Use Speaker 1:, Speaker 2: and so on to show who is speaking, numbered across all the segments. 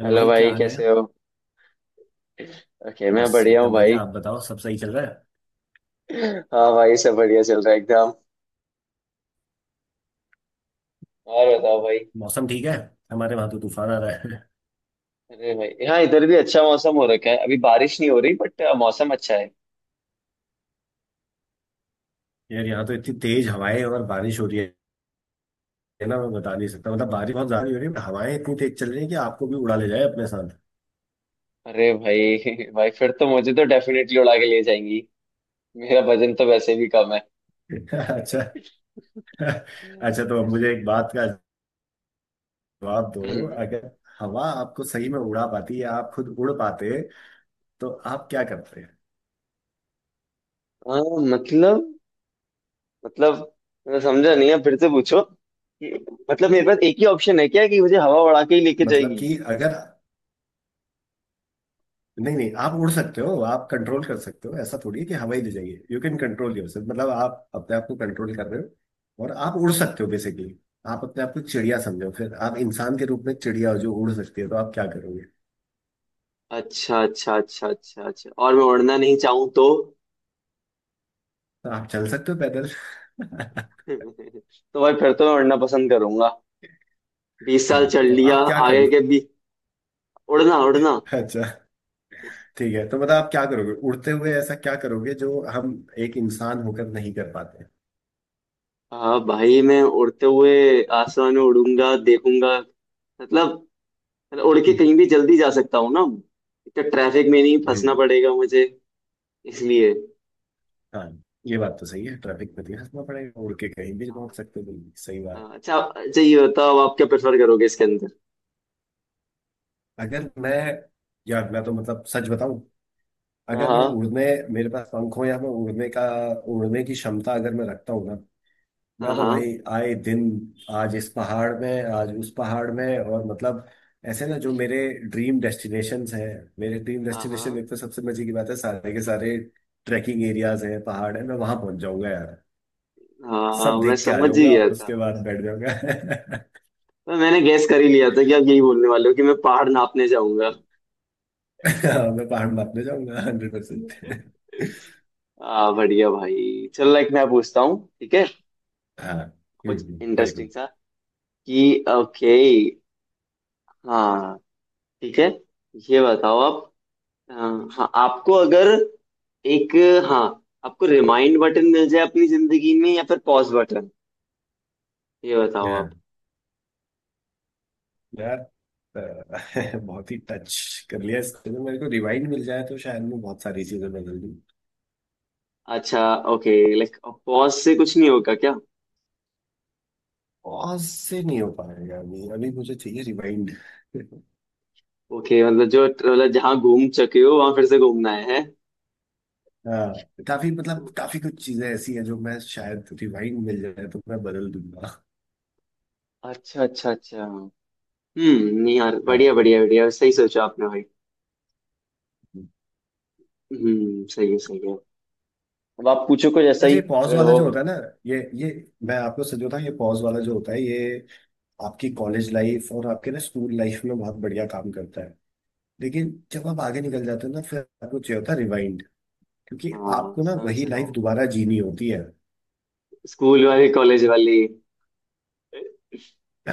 Speaker 1: Hello
Speaker 2: hello
Speaker 1: भाई, क्या
Speaker 2: भाई
Speaker 1: हाल है।
Speaker 2: कैसे हो? ओके, मैं
Speaker 1: बस
Speaker 2: बढ़िया हूँ
Speaker 1: एकदम
Speaker 2: भाई।
Speaker 1: बढ़िया। आप बताओ, सब सही चल रहा है?
Speaker 2: हाँ भाई, सब बढ़िया चल रहा है एकदम। और बताओ भाई।
Speaker 1: मौसम ठीक है? हमारे वहां तो तूफान आ रहा है।
Speaker 2: अरे भाई हाँ, इधर भी अच्छा मौसम हो रखा है। अभी बारिश नहीं हो रही बट मौसम अच्छा है।
Speaker 1: यार यहाँ तो इतनी तेज हवाएं और बारिश हो रही है ना, मैं बता नहीं सकता। मतलब बारिश बहुत ज्यादा हो रही है but हवाएं इतनी तेज चल रही है कि आपको भी उड़ा ले जाए अपने साथ।
Speaker 2: अरे भाई भाई, फिर तो मुझे तो डेफिनेटली उड़ा के ले जाएंगी। मेरा वजन तो वैसे भी कम है।
Speaker 1: अच्छा। अच्छा तो अब मुझे एक बात का जवाब दो।
Speaker 2: हम्म।
Speaker 1: अगर हवा आपको सही में उड़ा पाती या आप खुद उड़ पाते तो आप क्या करते हैं?
Speaker 2: हाँ, मतलब मतलब मैं समझा नहीं है, फिर से पूछो। मतलब मेरे पास एक ही ऑप्शन है क्या, कि मुझे हवा उड़ा के ही लेके
Speaker 1: मतलब
Speaker 2: जाएगी?
Speaker 1: कि अगर, नहीं नहीं, आप उड़ सकते हो, आप कंट्रोल कर सकते हो। ऐसा थोड़ी है कि हवा ही ले जाइए। यू कैन कंट्रोल योर, मतलब आप अपने आप को कंट्रोल कर रहे हो और आप उड़ सकते हो बेसिकली। आप अपने आप को चिड़िया समझो, फिर आप इंसान के रूप में चिड़िया हो जो उड़ सकती है, तो आप क्या करोगे?
Speaker 2: अच्छा, अच्छा, अच्छा, अच्छा, अच्छा। और मैं उड़ना नहीं चाहूँ तो?
Speaker 1: तो आप चल सकते हो पैदल।
Speaker 2: तो भाई, फिर तो मैं उड़ना पसंद करूंगा। 20 साल
Speaker 1: हाँ
Speaker 2: चल
Speaker 1: तो
Speaker 2: लिया।
Speaker 1: आप क्या
Speaker 2: आगे
Speaker 1: करोगे?
Speaker 2: के भी। उड़ना उड़ना।
Speaker 1: अच्छा, ठीक है। तो मतलब आप क्या करोगे उड़ते हुए, ऐसा क्या करोगे जो हम एक इंसान होकर नहीं कर पाते?
Speaker 2: हाँ भाई, मैं उड़ते हुए आसमान में उड़ूंगा, देखूंगा। मतलब मतलब उड़ के
Speaker 1: हम्म,
Speaker 2: कहीं भी जल्दी जा सकता हूँ ना। इतना ट्रैफिक में नहीं फंसना
Speaker 1: हम्म,
Speaker 2: पड़ेगा मुझे। इसलिए।
Speaker 1: हाँ, ये बात तो सही है। ट्रैफिक में तो नहीं फंसना पड़ेगा, उड़ के कहीं भी पहुंच
Speaker 2: हाँ
Speaker 1: सकते हो। बिल्कुल सही बात।
Speaker 2: हाँ, अच्छा अच्छा, ये बताओ आप क्या प्रेफर करोगे इसके अंदर?
Speaker 1: अगर मैं, यार मैं तो, मतलब सच बताऊं, अगर मैं
Speaker 2: हाँ,
Speaker 1: उड़ने, मेरे पास पंख हो या मैं उड़ने का, उड़ने की क्षमता अगर मैं रखता हूँ ना,
Speaker 2: हाँ,
Speaker 1: मैं तो
Speaker 2: हाँ,
Speaker 1: भाई आए दिन आज इस पहाड़ में, आज उस पहाड़ में, और मतलब ऐसे ना, जो मेरे ड्रीम डेस्टिनेशंस हैं, मेरे ड्रीम डेस्टिनेशन,
Speaker 2: हाँ,
Speaker 1: एक तो सबसे मजे की बात है, सारे के सारे ट्रैकिंग एरियाज हैं, पहाड़ है, मैं वहां पहुंच जाऊंगा यार।
Speaker 2: हाँ, हाँ,
Speaker 1: सब
Speaker 2: मैं
Speaker 1: देख के आ
Speaker 2: समझ ही
Speaker 1: जाऊंगा,
Speaker 2: गया था।
Speaker 1: उसके बाद बैठ जाऊंगा।
Speaker 2: पर मैंने गैस कर ही लिया था कि आप यही बोलने वाले हो कि मैं पहाड़ नापने जाऊंगा।
Speaker 1: मैं पहाड़ में अपने जाऊंगा 100%।
Speaker 2: बढ़िया भाई चलो, लाइक मैं पूछता हूँ, ठीक है?
Speaker 1: हाँ।
Speaker 2: कुछ इंटरेस्टिंग
Speaker 1: बिल्कुल।
Speaker 2: सा। कि ओके। हाँ ठीक है, ये बताओ आप। अ, हाँ, आपको अगर एक हाँ, आपको रिमाइंड बटन मिल जाए अपनी जिंदगी में या फिर पॉज बटन? ये बताओ आप।
Speaker 1: हाँ, यार, बहुत ही टच कर लिया इसको। तो मेरे को रिवाइंड मिल जाए तो शायद मैं बहुत सारी चीजें बदल दूँ।
Speaker 2: अच्छा, ओके। लाइक पॉज से कुछ नहीं होगा क्या?
Speaker 1: पॉज से नहीं हो पाएगा, अभी अभी मुझे चाहिए रिवाइंड।
Speaker 2: ओके, मतलब जो मतलब जहाँ घूम चुके हो वहां फिर से घूमना है, है?
Speaker 1: हाँ, काफी, मतलब काफी कुछ चीजें ऐसी है जो, मैं शायद रिवाइंड मिल जाए तो मैं बदल दूंगा।
Speaker 2: अच्छा, अच्छा, अच्छा। हम्म, नहीं यार, बढ़िया
Speaker 1: हाँ,
Speaker 2: बढ़िया बढ़िया, सही सोचा आपने भाई। हम्म, सही है, सही है। अब आप पूछो कुछ ऐसा
Speaker 1: यार,
Speaker 2: ही।
Speaker 1: ये पॉज
Speaker 2: अगर
Speaker 1: वाला
Speaker 2: हो।
Speaker 1: जो होता है ना, ये मैं आपको सच बताऊं, ये पॉज वाला जो होता है, ये आपकी कॉलेज लाइफ और आपके ना स्कूल लाइफ में बहुत बढ़िया काम करता है। लेकिन जब आप आगे निकल जाते हो ना, फिर आपको चाहिए होता है, क्योंकि
Speaker 2: हाँ,
Speaker 1: आपको ना
Speaker 2: समझ
Speaker 1: वही
Speaker 2: रहा
Speaker 1: लाइफ
Speaker 2: हूँ।
Speaker 1: दोबारा जीनी होती है।
Speaker 2: स्कूल वाली, कॉलेज वाली।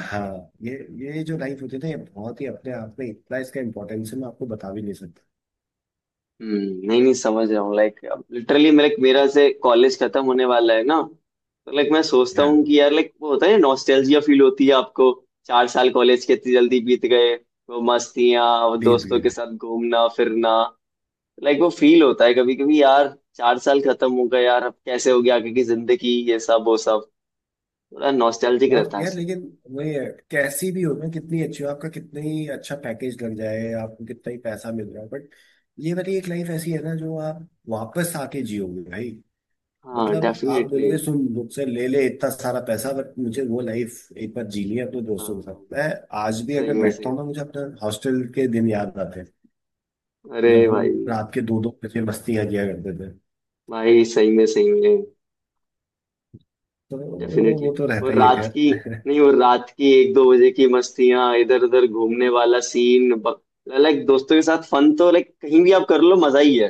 Speaker 1: हाँ। ये जो लाइफ होती है ना, ये बहुत ही अपने आप में, इतना इसका इम्पोर्टेंस है, मैं आपको बता भी नहीं सकता।
Speaker 2: हम्म, नहीं नहीं समझ रहा हूँ, लाइक अब लिटरली मेरे मेरा से कॉलेज खत्म होने वाला है ना, तो लाइक मैं सोचता
Speaker 1: हाँ।
Speaker 2: हूँ कि यार, लाइक वो होता है नॉस्टैल्जिया, फील होती है आपको। 4 साल कॉलेज के इतनी जल्दी बीत गए। वो मस्तियाँ, वो
Speaker 1: बीत
Speaker 2: दोस्तों के
Speaker 1: गए।
Speaker 2: साथ घूमना फिरना। लाइक वो फील होता है कभी कभी यार। 4 साल खत्म हो गए यार। अब कैसे हो गया? आगे की जिंदगी, ये सब वो सब। थोड़ा नॉस्टैल्जिक
Speaker 1: बहुत
Speaker 2: रहता है
Speaker 1: यार,
Speaker 2: ऐसे।
Speaker 1: लेकिन वही है। कैसी भी हो ना, कितनी अच्छी हो, आपका कितनी ही अच्छा पैकेज लग जाए, आपको कितना ही पैसा मिल रहा है, बट ये वाली एक लाइफ ऐसी है ना, जो आप वापस आके जियोगे भाई।
Speaker 2: हाँ
Speaker 1: मतलब आप
Speaker 2: डेफिनेटली।
Speaker 1: बोलोगे, सुन मुझसे ले ले इतना सारा पैसा, बट मुझे वो लाइफ एक बार जीनी है अपने दोस्तों के साथ। मैं आज भी
Speaker 2: सही
Speaker 1: अगर
Speaker 2: में
Speaker 1: बैठता
Speaker 2: सही।
Speaker 1: हूँ ना, मुझे अपने हॉस्टल के दिन याद आते हैं,
Speaker 2: अरे
Speaker 1: जब हम
Speaker 2: भाई
Speaker 1: रात के 2-2 बजे मस्तियां किया करते थे।
Speaker 2: भाई। सही में, सही में।
Speaker 1: तो
Speaker 2: डेफिनेटली।
Speaker 1: वो तो रहता
Speaker 2: और
Speaker 1: ही है
Speaker 2: रात की।
Speaker 1: खैर।
Speaker 2: नहीं, और रात की 1-2 बजे की मस्तियां, इधर उधर घूमने वाला सीन। लाइक दोस्तों के साथ फन तो लाइक कहीं भी आप कर लो, मजा ही है।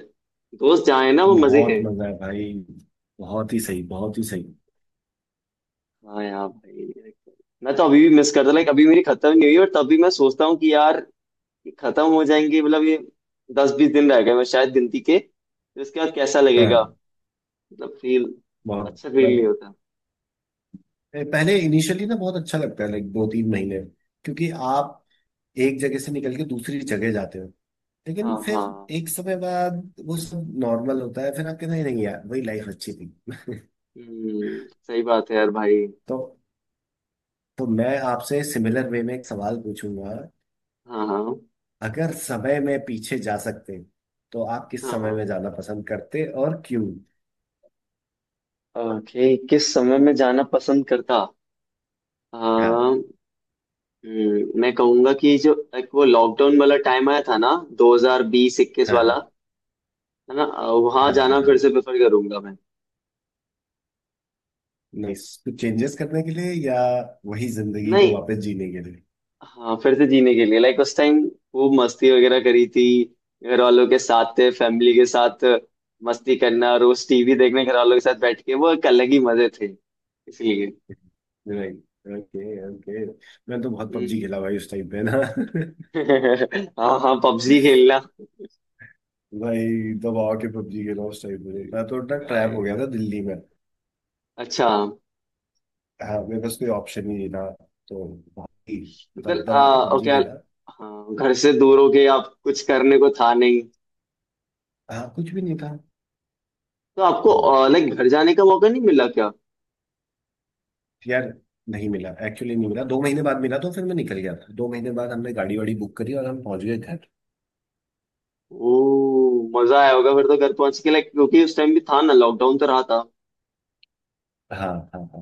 Speaker 2: दोस्त जहाँ है ना, वो मजे
Speaker 1: बहुत
Speaker 2: हैं।
Speaker 1: मजा है भाई। बहुत ही सही, बहुत ही सही।
Speaker 2: हाँ यार भाई like, मैं तो अभी भी मिस करता, लाइक अभी मेरी खत्म नहीं हुई और तब भी मैं सोचता हूँ कि यार, ये खत्म हो जाएंगे, मतलब ये 10-20 दिन रह गए मैं शायद गिनती के, फिर उसके बाद कैसा लगेगा?
Speaker 1: हाँ,
Speaker 2: मतलब फील।
Speaker 1: बहुत,
Speaker 2: अच्छा फील नहीं
Speaker 1: मतलब
Speaker 2: होता।
Speaker 1: पहले, इनिशियली ना बहुत अच्छा लगता है, लाइक 2-3 महीने, क्योंकि आप एक जगह से निकल के दूसरी जगह जाते हो। लेकिन
Speaker 2: हाँ
Speaker 1: फिर
Speaker 2: हाँ।
Speaker 1: एक समय बाद वो सब नॉर्मल होता है, फिर आप कहते हैं, नहीं यार, वही लाइफ अच्छी थी।
Speaker 2: हम्म, सही बात है यार भाई।
Speaker 1: तो तो मैं आपसे सिमिलर वे में एक सवाल पूछूंगा।
Speaker 2: हाँ, हाँ,
Speaker 1: अगर समय में पीछे जा सकते तो आप किस
Speaker 2: हाँ,
Speaker 1: समय
Speaker 2: हाँ।
Speaker 1: में जाना पसंद करते और क्यों?
Speaker 2: ओके, किस समय में जाना पसंद करता? आ,
Speaker 1: हाँ
Speaker 2: मैं कहूंगा कि जो एक वो लॉकडाउन वाला टाइम आया था ना 2020-21
Speaker 1: हाँ, हाँ
Speaker 2: वाला, है ना। वहां
Speaker 1: हाँ
Speaker 2: जाना
Speaker 1: हाँ,
Speaker 2: फिर
Speaker 1: हाँ,
Speaker 2: से प्रेफर करूंगा मैं।
Speaker 1: नहीं, कुछ चेंजेस करने के लिए या वही जिंदगी को
Speaker 2: नहीं।
Speaker 1: वापस जीने के लिए?
Speaker 2: हाँ, फिर से जीने के लिए लाइक उस टाइम। वो मस्ती वगैरह करी थी। घर वालों के साथ थे, फैमिली के साथ। मस्ती करना, रोज टीवी देखने घर वालों के साथ बैठ के, वो एक अलग ही मजे थे। इसलिए।
Speaker 1: नहीं, ओके ओके। मैं तो बहुत पबजी
Speaker 2: हम्म।
Speaker 1: खेला भाई उस टाइम पे ना।
Speaker 2: हाँ हाँ, पबजी खेलना।
Speaker 1: भाई दबा के पबजी खेला उस टाइम पे। मैं तो इतना ट्रैप हो
Speaker 2: आई-
Speaker 1: गया था दिल्ली में।
Speaker 2: अच्छा।
Speaker 1: हाँ, मेरे पास कोई ऑप्शन ही नहीं था। तो भाई दब
Speaker 2: मतलब
Speaker 1: दबा के
Speaker 2: ओके।
Speaker 1: पबजी खेला।
Speaker 2: हाँ, घर से दूर हो गए आप, कुछ करने को था नहीं।
Speaker 1: हाँ कुछ भी नहीं था।
Speaker 2: तो आपको
Speaker 1: वो,
Speaker 2: लाइक घर जाने का मौका नहीं मिला क्या?
Speaker 1: यार नहीं मिला, एक्चुअली नहीं मिला। 2 महीने बाद मिला, तो फिर मैं निकल गया था। 2 महीने बाद हमने गाड़ी वाड़ी बुक करी और हम पहुंच गए घर।
Speaker 2: ओ, मजा आया होगा फिर तो घर पहुंच के, लाइक क्योंकि उस टाइम भी था ना, लॉकडाउन तो रहा था।
Speaker 1: हाँ, हाँ हाँ।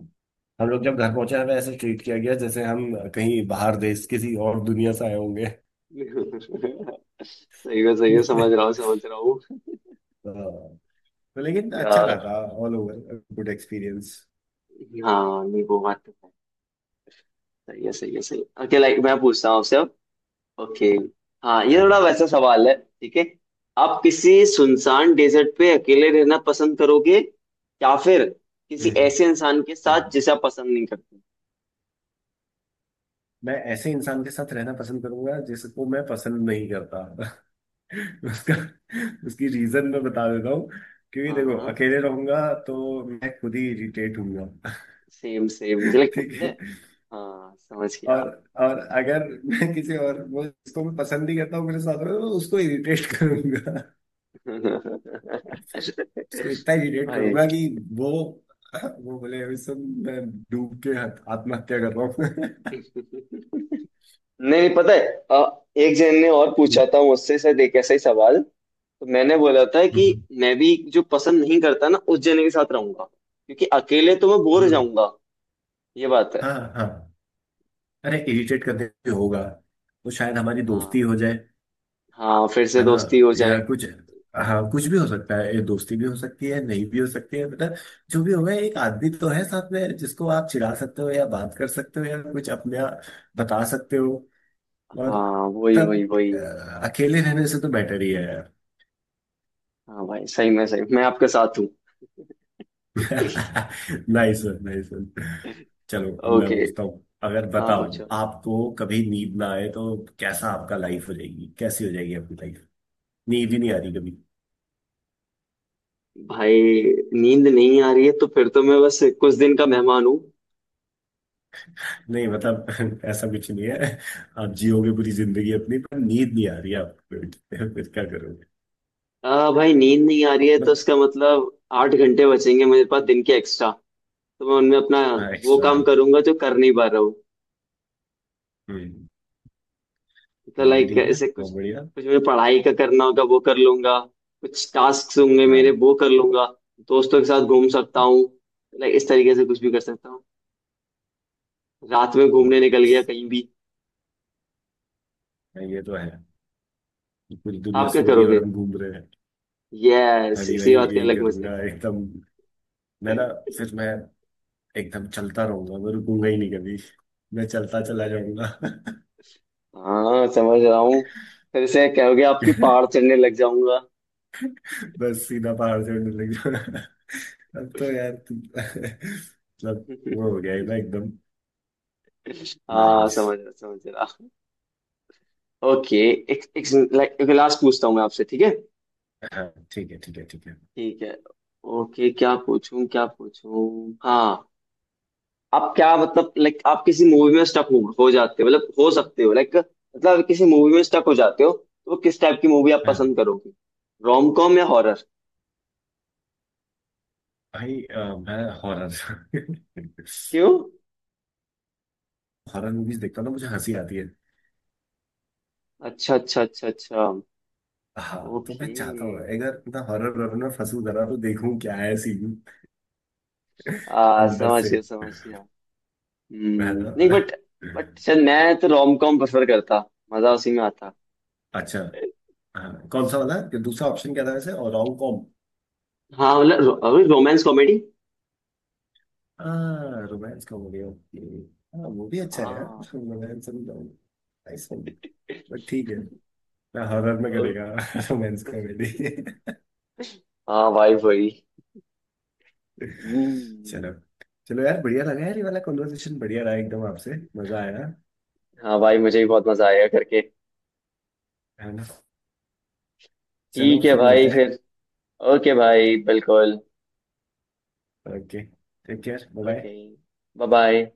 Speaker 1: हम लोग जब घर पहुंचे, हमें ऐसे ट्रीट किया गया जैसे हम कहीं बाहर देश, किसी और दुनिया से आए होंगे।
Speaker 2: सही है, सही है, समझ रहा हूँ, समझ रहा हूँ।
Speaker 1: हाँ, तो लेकिन अच्छा रहा
Speaker 2: यार।
Speaker 1: था, ऑल ओवर गुड एक्सपीरियंस।
Speaker 2: हाँ नहीं, वो बात तो है, सही है, सही है, सही है। ओके, लाइक मैं पूछता हूँ आपसे अब। ओके। हाँ, ये
Speaker 1: हाँ।
Speaker 2: थोड़ा वैसा सवाल है, ठीक है? आप किसी सुनसान डेजर्ट पे अकेले रहना पसंद करोगे, या फिर किसी
Speaker 1: हम्म,
Speaker 2: ऐसे इंसान के
Speaker 1: हम्म।
Speaker 2: साथ जिसे आप पसंद नहीं करते?
Speaker 1: मैं ऐसे इंसान के साथ रहना पसंद करूंगा जिसको मैं पसंद नहीं करता। उसका, उसकी रीजन मैं बता देता हूँ। क्योंकि
Speaker 2: हाँ
Speaker 1: देखो,
Speaker 2: हाँ।
Speaker 1: अकेले रहूंगा तो मैं खुद ही इरिटेट होऊंगा।
Speaker 2: सेम सेम, मुझे
Speaker 1: ठीक
Speaker 2: लगता
Speaker 1: है।
Speaker 2: है। हाँ, समझ गया।
Speaker 1: और और अगर मैं किसी और, वो जिसको मैं पसंद नहीं करता हूँ, मेरे साथ रहे तो उसको इरिटेट करूंगा। उसको इतना इरिटेट
Speaker 2: भाई।
Speaker 1: करूंगा कि वो वो बोले, "अभी सुन, मैं डूब के आत्महत्या कर रहा हूँ।"
Speaker 2: नहीं, नहीं, पता है एक जन ने और पूछा था मुझसे शायद एक ऐसा ही सवाल। तो मैंने बोला था
Speaker 1: हम्म,
Speaker 2: कि मैं भी जो पसंद नहीं करता ना, उस जने के साथ रहूंगा, क्योंकि अकेले तो मैं बोर हो
Speaker 1: हम्म।
Speaker 2: जाऊंगा। ये बात है।
Speaker 1: हाँ हाँ। अरे इरिटेट करने से होगा, वो शायद हमारी
Speaker 2: हाँ,
Speaker 1: दोस्ती हो जाए,
Speaker 2: हाँ, फिर से
Speaker 1: है ना,
Speaker 2: दोस्ती हो
Speaker 1: या
Speaker 2: जाए।
Speaker 1: कुछ। हाँ कुछ भी हो सकता है, ये दोस्ती भी हो सकती है, नहीं भी हो सकती है, मतलब जो भी होगा, एक आदमी तो है साथ में जिसको आप चिढ़ा सकते हो, या बात कर सकते हो, या कुछ अपने आप बता सकते हो। और
Speaker 2: हाँ, वही वही
Speaker 1: तब,
Speaker 2: वही।
Speaker 1: अकेले रहने से तो बेटर ही है यार।
Speaker 2: हाँ भाई, सही में सही, मैं आपके साथ हूँ।
Speaker 1: Nice nice. चलो अब मैं
Speaker 2: ओके।
Speaker 1: पूछता हूँ, अगर
Speaker 2: हाँ,
Speaker 1: बताओ
Speaker 2: पूछो।
Speaker 1: आपको कभी नींद ना आए तो कैसा आपका लाइफ हो जाएगी, कैसी हो जाएगी आपकी? नींद ही नहीं आ रही कभी।
Speaker 2: भाई नींद नहीं आ रही है, तो फिर तो मैं बस कुछ दिन का मेहमान हूँ।
Speaker 1: नहीं, मतलब ऐसा कुछ नहीं है, आप जियोगे पूरी जिंदगी अपनी, पर नींद नहीं आ रही है आपको। फिर क्या करोगे?
Speaker 2: आ भाई, नींद नहीं आ रही है तो
Speaker 1: बट,
Speaker 2: उसका मतलब 8 घंटे बचेंगे मेरे पास दिन के एक्स्ट्रा। तो मैं उनमें अपना
Speaker 1: हाँ
Speaker 2: वो
Speaker 1: एक्स्ट्रा,
Speaker 2: काम
Speaker 1: हाँ।
Speaker 2: करूंगा जो कर नहीं पा रहा।
Speaker 1: हम्म।
Speaker 2: तो
Speaker 1: ये भी
Speaker 2: लाइक
Speaker 1: ठीक है,
Speaker 2: ऐसे कुछ
Speaker 1: बहुत बढ़िया।
Speaker 2: कुछ मुझे पढ़ाई का करना होगा, वो कर लूंगा। कुछ टास्क होंगे मेरे,
Speaker 1: हाँ।
Speaker 2: वो कर लूंगा। दोस्तों के साथ घूम सकता हूँ। लाइक इस तरीके से कुछ भी कर सकता हूँ। रात में घूमने
Speaker 1: हाँ,
Speaker 2: निकल गया कहीं भी।
Speaker 1: ये तो है। पूरी दुनिया
Speaker 2: आप क्या
Speaker 1: सो रही है और
Speaker 2: करोगे?
Speaker 1: हम घूम रहे हैं। मैं
Speaker 2: यस,
Speaker 1: भी
Speaker 2: इसी
Speaker 1: वही,
Speaker 2: बात के
Speaker 1: यही
Speaker 2: अलग मजे।
Speaker 1: करूंगा एकदम। मैं ना, फिर मैं एकदम चलता रहूंगा, मैं रुकूंगा ही नहीं कभी। मैं चलता चला जाऊंगा।
Speaker 2: हाँ, समझ रहा हूँ। फिर से कहोगे आपकी पहाड़ चढ़ने लग जाऊंगा
Speaker 1: बस सीधा पहाड़ चढ़ने लग जाऊंगा। अब तो यार तुम- मतलब वो हो गया ना एकदम।
Speaker 2: हाँ,
Speaker 1: नाइस।
Speaker 2: समझ रहा समझ रहा। ओके। एक एक। लाइक लास्ट पूछता हूँ मैं आपसे, ठीक है?
Speaker 1: हाँ ठीक है, ठीक है, ठीक है।
Speaker 2: ठीक है। ओके, क्या पूछूं, क्या पूछूं? हाँ। आप क्या, मतलब लाइक आप किसी मूवी में स्टक हो जाते हो, मतलब हो सकते हो, लाइक मतलब किसी मूवी में स्टक हो जाते हो, तो वो किस टाइप की मूवी आप पसंद
Speaker 1: हाँ
Speaker 2: करोगे? रोम कॉम या हॉरर?
Speaker 1: भाई, मैं हॉरर।
Speaker 2: क्यों?
Speaker 1: हॉरर मूवीज देखता हूँ ना, मुझे हंसी आती है।
Speaker 2: अच्छा, अच्छा, अच्छा, अच्छा।
Speaker 1: हाँ तो मैं
Speaker 2: ओके।
Speaker 1: चाहता हूँ अगर मैं हॉरर, हॉरर में फंसू जरा तो देखूं क्या है सीन
Speaker 2: आ
Speaker 1: अंदर
Speaker 2: समझ
Speaker 1: से।
Speaker 2: गया, समझ गया।
Speaker 1: है
Speaker 2: हम्म, नहीं। बट
Speaker 1: ना?
Speaker 2: बट शायद मैं तो रोम कॉम प्रेफर करता। मजा उसी में आता।
Speaker 1: अच्छा। हाँ, कौन सा वाला, ये दूसरा ऑप्शन क्या था वैसे, और रोम कॉम?
Speaker 2: हाँ मतलब रोमांस कॉमेडी।
Speaker 1: हाँ, रोमांस कॉमेडी, ओके। हाँ वो भी अच्छा है यार,
Speaker 2: हाँ।
Speaker 1: Romance comedy, nice one. But ठीक है ना, हॉरर में
Speaker 2: ओ-
Speaker 1: करेगा रोमांस कॉमेडी।
Speaker 2: हाँ भाई भाई। हम्म।
Speaker 1: चलो, चलो यार, बढ़िया लगा यार, ये वाला कॉन्वर्सेशन बढ़िया रहा एकदम, आपसे मजा आया।
Speaker 2: हाँ भाई, मुझे भी बहुत मजा आया करके।
Speaker 1: है ना। चलो
Speaker 2: ठीक है
Speaker 1: फिर मिलते
Speaker 2: भाई,
Speaker 1: हैं।
Speaker 2: फिर। ओके भाई, बिल्कुल।
Speaker 1: Okay, take care, bye
Speaker 2: okay.
Speaker 1: Bye.
Speaker 2: Bye bye.